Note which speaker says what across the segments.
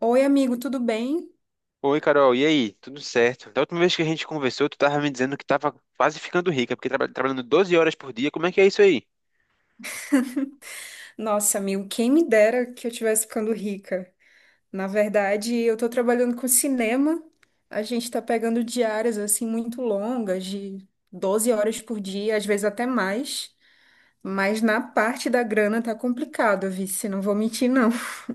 Speaker 1: Oi, amigo, tudo bem?
Speaker 2: Oi, Carol, e aí? Tudo certo? Da última vez que a gente conversou, tu tava me dizendo que tava quase ficando rica, porque trabalhando 12 horas por dia, como é que é isso aí?
Speaker 1: Nossa, amigo, quem me dera que eu estivesse ficando rica. Na verdade, eu tô trabalhando com cinema. A gente tá pegando diárias assim muito longas, de 12 horas por dia, às vezes até mais. Mas na parte da grana tá complicado, Vice, não vou mentir, não.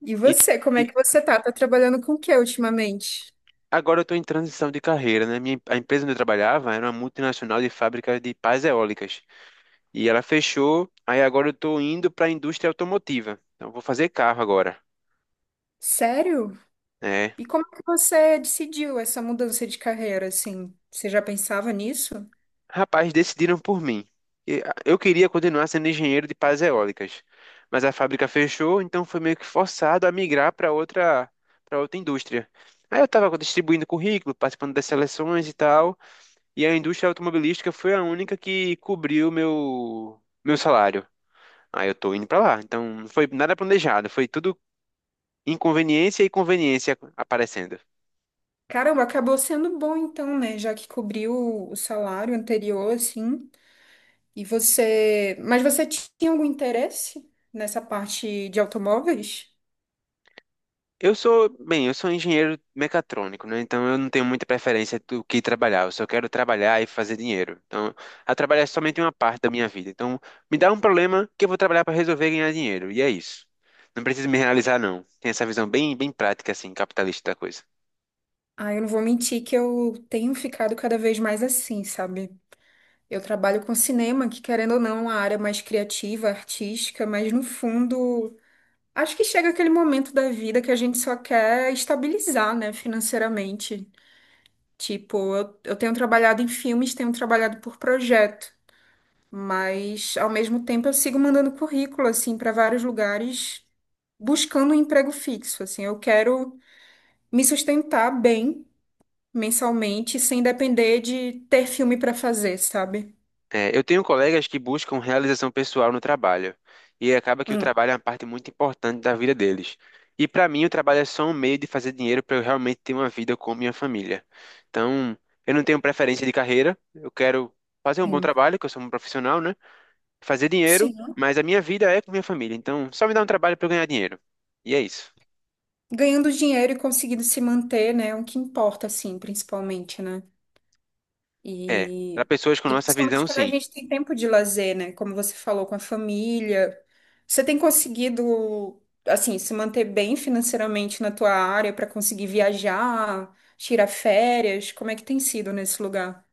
Speaker 1: E
Speaker 2: E,
Speaker 1: você, como
Speaker 2: e
Speaker 1: é que você tá? Tá trabalhando com o que ultimamente?
Speaker 2: Agora eu tô em transição de carreira, né? A empresa onde eu trabalhava era uma multinacional de fábrica de pás eólicas. E ela fechou, aí agora eu tô indo pra indústria automotiva. Então eu vou fazer carro agora,
Speaker 1: Sério?
Speaker 2: né?
Speaker 1: E como é que você decidiu essa mudança de carreira, assim? Você já pensava nisso?
Speaker 2: Rapaz, decidiram por mim. Eu queria continuar sendo engenheiro de pás eólicas, mas a fábrica fechou, então foi meio que forçado a migrar para outra indústria. Aí eu estava distribuindo currículo, participando das seleções e tal, e a indústria automobilística foi a única que cobriu meu salário. Aí eu tô indo para lá. Então não foi nada planejado, foi tudo inconveniência e conveniência aparecendo.
Speaker 1: Caramba, acabou sendo bom então, né? Já que cobriu o salário anterior, assim. E você. Mas você tinha algum interesse nessa parte de automóveis?
Speaker 2: Eu sou engenheiro mecatrônico, né? Então eu não tenho muita preferência do que trabalhar. Eu só quero trabalhar e fazer dinheiro. Então, a trabalhar é somente uma parte da minha vida. Então, me dá um problema que eu vou trabalhar para resolver e ganhar dinheiro. E é isso. Não preciso me realizar, não. Tem essa visão bem prática, assim, capitalista da coisa.
Speaker 1: Ah, eu não vou mentir que eu tenho ficado cada vez mais assim, sabe? Eu trabalho com cinema, que querendo ou não, é uma área mais criativa, artística, mas no fundo, acho que chega aquele momento da vida que a gente só quer estabilizar, né, financeiramente. Tipo, eu tenho trabalhado em filmes, tenho trabalhado por projeto. Mas, ao mesmo tempo, eu sigo mandando currículo, assim, para vários lugares, buscando um emprego fixo, assim. Eu quero me sustentar bem mensalmente, sem depender de ter filme para fazer, sabe?
Speaker 2: É, eu tenho colegas que buscam realização pessoal no trabalho, e acaba que o
Speaker 1: Hum.
Speaker 2: trabalho é uma parte muito importante da vida deles. E para mim, o trabalho é só um meio de fazer dinheiro para eu realmente ter uma vida com minha família. Então, eu não tenho preferência de carreira, eu quero fazer um bom
Speaker 1: Sim.
Speaker 2: trabalho, que eu sou um profissional, né? Fazer dinheiro,
Speaker 1: Sim.
Speaker 2: mas a minha vida é com minha família. Então, só me dá um trabalho para eu ganhar dinheiro. E é isso.
Speaker 1: Ganhando dinheiro e conseguindo se manter, né? É o que importa, assim, principalmente, né?
Speaker 2: É, para
Speaker 1: E,
Speaker 2: pessoas com
Speaker 1: e
Speaker 2: nossa
Speaker 1: principalmente
Speaker 2: visão,
Speaker 1: quando a
Speaker 2: sim.
Speaker 1: gente tem tempo de lazer, né? Como você falou, com a família. Você tem conseguido, assim, se manter bem financeiramente na tua área para conseguir viajar, tirar férias? Como é que tem sido nesse lugar?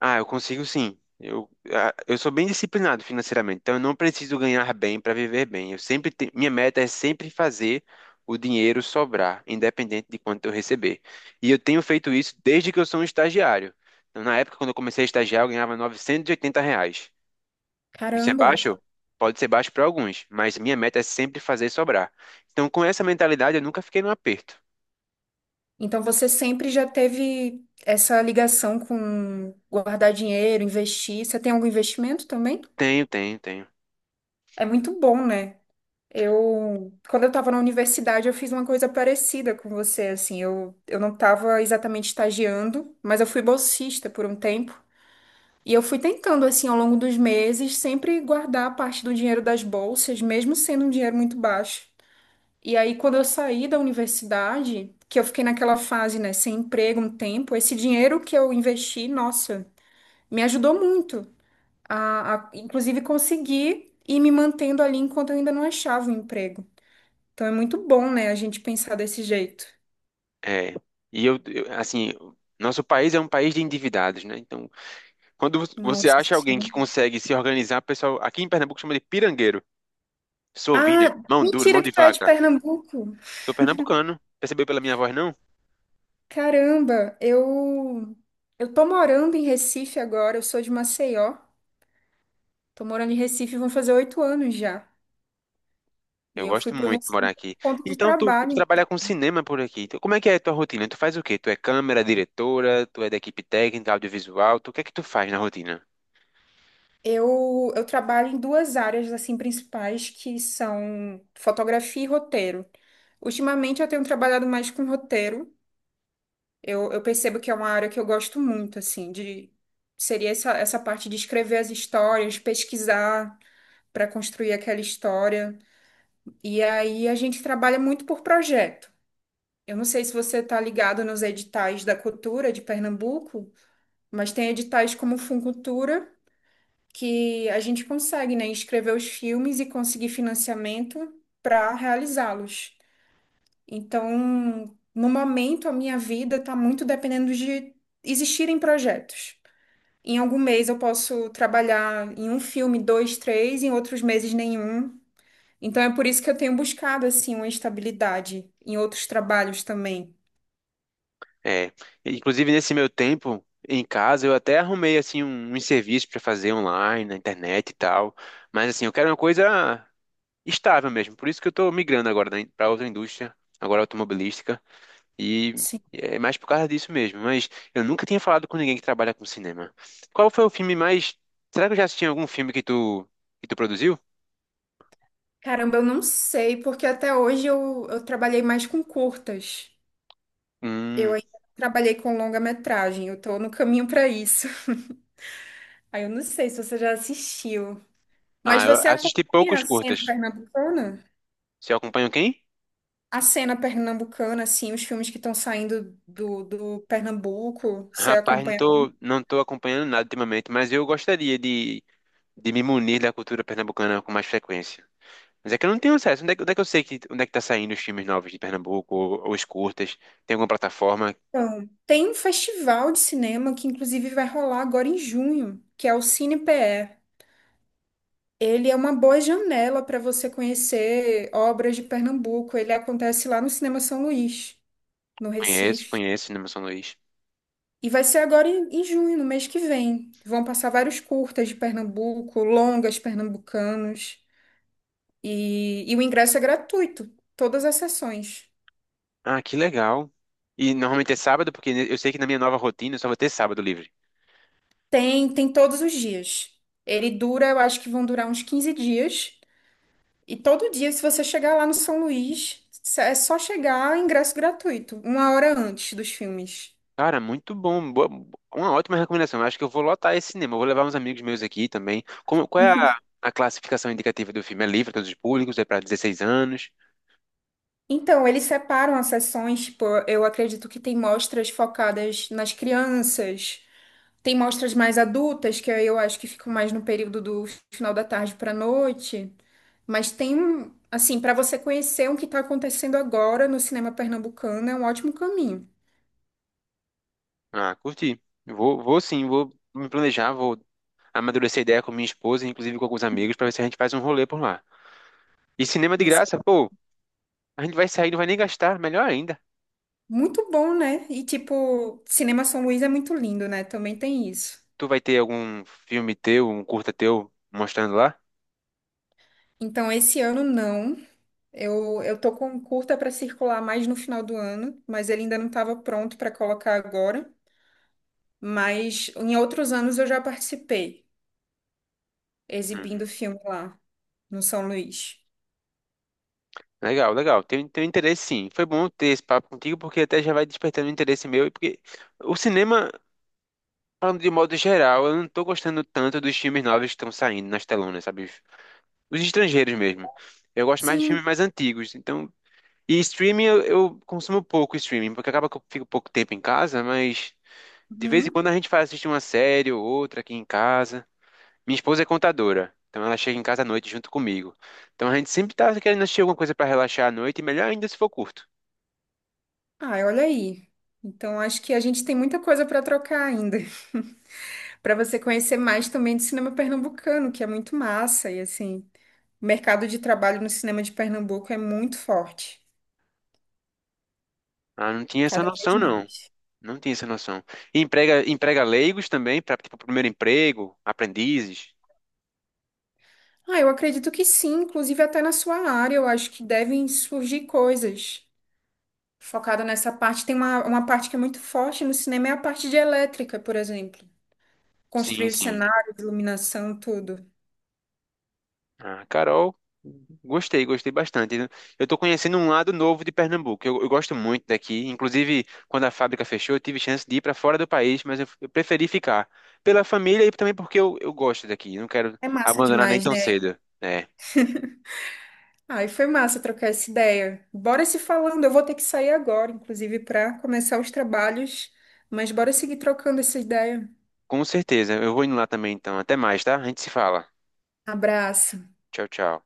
Speaker 2: Ah, eu consigo sim. Eu sou bem disciplinado financeiramente, então eu não preciso ganhar bem para viver bem. Eu sempre minha meta é sempre fazer o dinheiro sobrar, independente de quanto eu receber. E eu tenho feito isso desde que eu sou um estagiário. Então, na época, quando eu comecei a estagiar, eu ganhava R$ 980. Isso é
Speaker 1: Caramba!
Speaker 2: baixo? Pode ser baixo para alguns, mas minha meta é sempre fazer sobrar. Então, com essa mentalidade, eu nunca fiquei no aperto.
Speaker 1: Então você sempre já teve essa ligação com guardar dinheiro, investir. Você tem algum investimento também?
Speaker 2: Tenho, tenho, tenho.
Speaker 1: É muito bom, né? Eu, quando eu estava na universidade, eu fiz uma coisa parecida com você, assim, eu não estava exatamente estagiando, mas eu fui bolsista por um tempo, e eu fui tentando, assim, ao longo dos meses, sempre guardar parte do dinheiro das bolsas, mesmo sendo um dinheiro muito baixo. E aí, quando eu saí da universidade, que eu fiquei naquela fase, né, sem emprego um tempo, esse dinheiro que eu investi, nossa, me ajudou muito a inclusive, conseguir ir me mantendo ali enquanto eu ainda não achava um emprego. Então é muito bom, né, a gente pensar desse jeito.
Speaker 2: É. E eu, eu assim, Nosso país é um país de endividados, né? Então, quando você
Speaker 1: Nossa
Speaker 2: acha alguém
Speaker 1: Senhora.
Speaker 2: que consegue se organizar, o pessoal aqui em Pernambuco chama de pirangueiro. Sou vida,
Speaker 1: Ah,
Speaker 2: mão dura, mão
Speaker 1: mentira que
Speaker 2: de
Speaker 1: tu é de
Speaker 2: vaca.
Speaker 1: Pernambuco.
Speaker 2: Sou pernambucano. Percebeu pela minha voz, não?
Speaker 1: Caramba, eu tô morando em Recife agora, eu sou de Maceió. Tô morando em Recife, vão fazer 8 anos já. E
Speaker 2: Eu
Speaker 1: eu fui
Speaker 2: gosto
Speaker 1: pro
Speaker 2: muito de morar
Speaker 1: Recife
Speaker 2: aqui.
Speaker 1: por conta de
Speaker 2: Então, tu
Speaker 1: trabalho.
Speaker 2: trabalha com cinema por aqui. Então, como é que é a tua rotina? Tu faz o quê? Tu é câmera, diretora, tu é da equipe técnica, audiovisual, tu, o que é que tu faz na rotina?
Speaker 1: Eu trabalho em duas áreas assim principais que são fotografia e roteiro. Ultimamente eu tenho trabalhado mais com roteiro. Eu percebo que é uma área que eu gosto muito, assim, de seria essa, essa parte de escrever as histórias, pesquisar para construir aquela história. E aí a gente trabalha muito por projeto. Eu não sei se você está ligado nos editais da cultura de Pernambuco, mas tem editais como o Funcultura, que a gente consegue, né, escrever os filmes e conseguir financiamento para realizá-los. Então, no momento, a minha vida está muito dependendo de existirem projetos. Em algum mês eu posso trabalhar em um filme, dois, três, em outros meses nenhum. Então é por isso que eu tenho buscado assim uma estabilidade em outros trabalhos também.
Speaker 2: É, inclusive nesse meu tempo em casa, eu até arrumei assim um serviço para fazer online, na internet e tal. Mas assim, eu quero uma coisa estável mesmo. Por isso que eu tô migrando agora para outra indústria, agora automobilística, e
Speaker 1: Sim.
Speaker 2: é mais por causa disso mesmo. Mas eu nunca tinha falado com ninguém que trabalha com cinema. Qual foi o filme mais. Será que eu já assisti algum filme que tu produziu?
Speaker 1: Caramba, eu não sei, porque até hoje eu trabalhei mais com curtas. Eu
Speaker 2: Hum.
Speaker 1: ainda não trabalhei com longa-metragem, eu tô no caminho para isso. Aí eu não sei se você já assistiu. Mas
Speaker 2: Ah, eu
Speaker 1: você
Speaker 2: assisti
Speaker 1: acompanha a
Speaker 2: poucos
Speaker 1: cena
Speaker 2: curtas.
Speaker 1: pernambucana?
Speaker 2: Você acompanha quem?
Speaker 1: A cena pernambucana, assim, os filmes que estão saindo do Pernambuco, você
Speaker 2: Rapaz,
Speaker 1: acompanha?
Speaker 2: não tô acompanhando nada ultimamente, mas eu gostaria de me munir da cultura pernambucana com mais frequência. Mas é que eu não tenho acesso. Onde é que eu sei que onde é que tá saindo os filmes novos de Pernambuco, ou os curtas? Tem alguma plataforma?
Speaker 1: Então, tem um festival de cinema que inclusive vai rolar agora em junho, que é o Cine PE. Ele é uma boa janela para você conhecer obras de Pernambuco. Ele acontece lá no Cinema São Luís, no
Speaker 2: Conheço,
Speaker 1: Recife.
Speaker 2: conheço Cinema São Luís.
Speaker 1: E vai ser agora em junho, no mês que vem. Vão passar vários curtas de Pernambuco, longas pernambucanos. E o ingresso é gratuito, todas as sessões.
Speaker 2: Ah, que legal. E normalmente é sábado, porque eu sei que na minha nova rotina eu só vou ter sábado livre.
Speaker 1: Tem, tem todos os dias. Ele dura, eu acho que vão durar uns 15 dias. E todo dia, se você chegar lá no São Luís, é só chegar, ingresso gratuito, uma hora antes dos filmes.
Speaker 2: Cara, muito bom. Uma ótima recomendação. Eu acho que eu vou lotar esse cinema. Eu vou levar uns amigos meus aqui também. Como, qual é a classificação indicativa do filme? É livre para todos os públicos? É para 16 anos?
Speaker 1: Então, eles separam as sessões, tipo, eu acredito que tem mostras focadas nas crianças, tem mostras mais adultas, que aí eu acho que ficam mais no período do final da tarde para noite, mas tem, um- assim, para você conhecer o que está acontecendo agora no cinema pernambucano, é um ótimo caminho.
Speaker 2: Ah, curti. Vou sim, vou me planejar, vou amadurecer a ideia com minha esposa, inclusive com alguns amigos, para ver se a gente faz um rolê por lá. E cinema de
Speaker 1: Mas
Speaker 2: graça,
Speaker 1: é
Speaker 2: pô, a gente vai sair, não vai nem gastar, melhor ainda.
Speaker 1: muito bom, né? E, tipo, Cinema São Luís é muito lindo, né? Também tem isso.
Speaker 2: Tu vai ter algum filme teu, um curta teu mostrando lá?
Speaker 1: Então, esse ano não. Eu tô com curta para circular mais no final do ano, mas ele ainda não estava pronto para colocar agora. Mas em outros anos eu já participei,
Speaker 2: Uhum.
Speaker 1: exibindo filme lá no São Luís.
Speaker 2: Legal, legal. Tenho, tenho interesse sim. Foi bom ter esse papo contigo, porque até já vai despertando interesse meu. Porque o cinema, falando de modo geral, eu não tô gostando tanto dos filmes novos que estão saindo nas telonas, sabe? Os estrangeiros mesmo. Eu gosto mais de filmes
Speaker 1: Sim.
Speaker 2: mais antigos. Então, e streaming, eu consumo pouco streaming, porque acaba que eu fico pouco tempo em casa, mas de vez em
Speaker 1: Uhum.
Speaker 2: quando a gente faz assistir uma série ou outra aqui em casa. Minha esposa é contadora, então ela chega em casa à noite junto comigo. Então a gente sempre tá querendo assistir alguma coisa para relaxar à noite, e melhor ainda se for curto.
Speaker 1: Ah, olha aí. Então, acho que a gente tem muita coisa para trocar ainda, para você conhecer mais também do cinema pernambucano, que é muito massa. E assim, o mercado de trabalho no cinema de Pernambuco é muito forte,
Speaker 2: Ah, não tinha essa
Speaker 1: cada vez
Speaker 2: noção, não.
Speaker 1: mais.
Speaker 2: Não tinha essa noção. E emprega leigos também, para tipo, primeiro emprego, aprendizes.
Speaker 1: Ah, eu acredito que sim, inclusive até na sua área, eu acho que devem surgir coisas focada nessa parte. Tem uma parte que é muito forte no cinema, é a parte de elétrica, por exemplo.
Speaker 2: Sim,
Speaker 1: Construir os
Speaker 2: sim.
Speaker 1: cenários, iluminação, tudo.
Speaker 2: Ah, Carol, gostei, gostei bastante. Eu tô conhecendo um lado novo de Pernambuco. Eu gosto muito daqui. Inclusive, quando a fábrica fechou, eu tive chance de ir para fora do país, mas eu preferi ficar pela família e também porque eu gosto daqui. Não quero
Speaker 1: É massa
Speaker 2: abandonar nem
Speaker 1: demais,
Speaker 2: tão
Speaker 1: né?
Speaker 2: cedo. É,
Speaker 1: Ah, e foi massa trocar essa ideia. Bora se falando, eu vou ter que sair agora, inclusive, para começar os trabalhos, mas bora seguir trocando essa ideia.
Speaker 2: com certeza. Eu vou indo lá também, então. Até mais, tá? A gente se fala.
Speaker 1: Abraço.
Speaker 2: Tchau, tchau.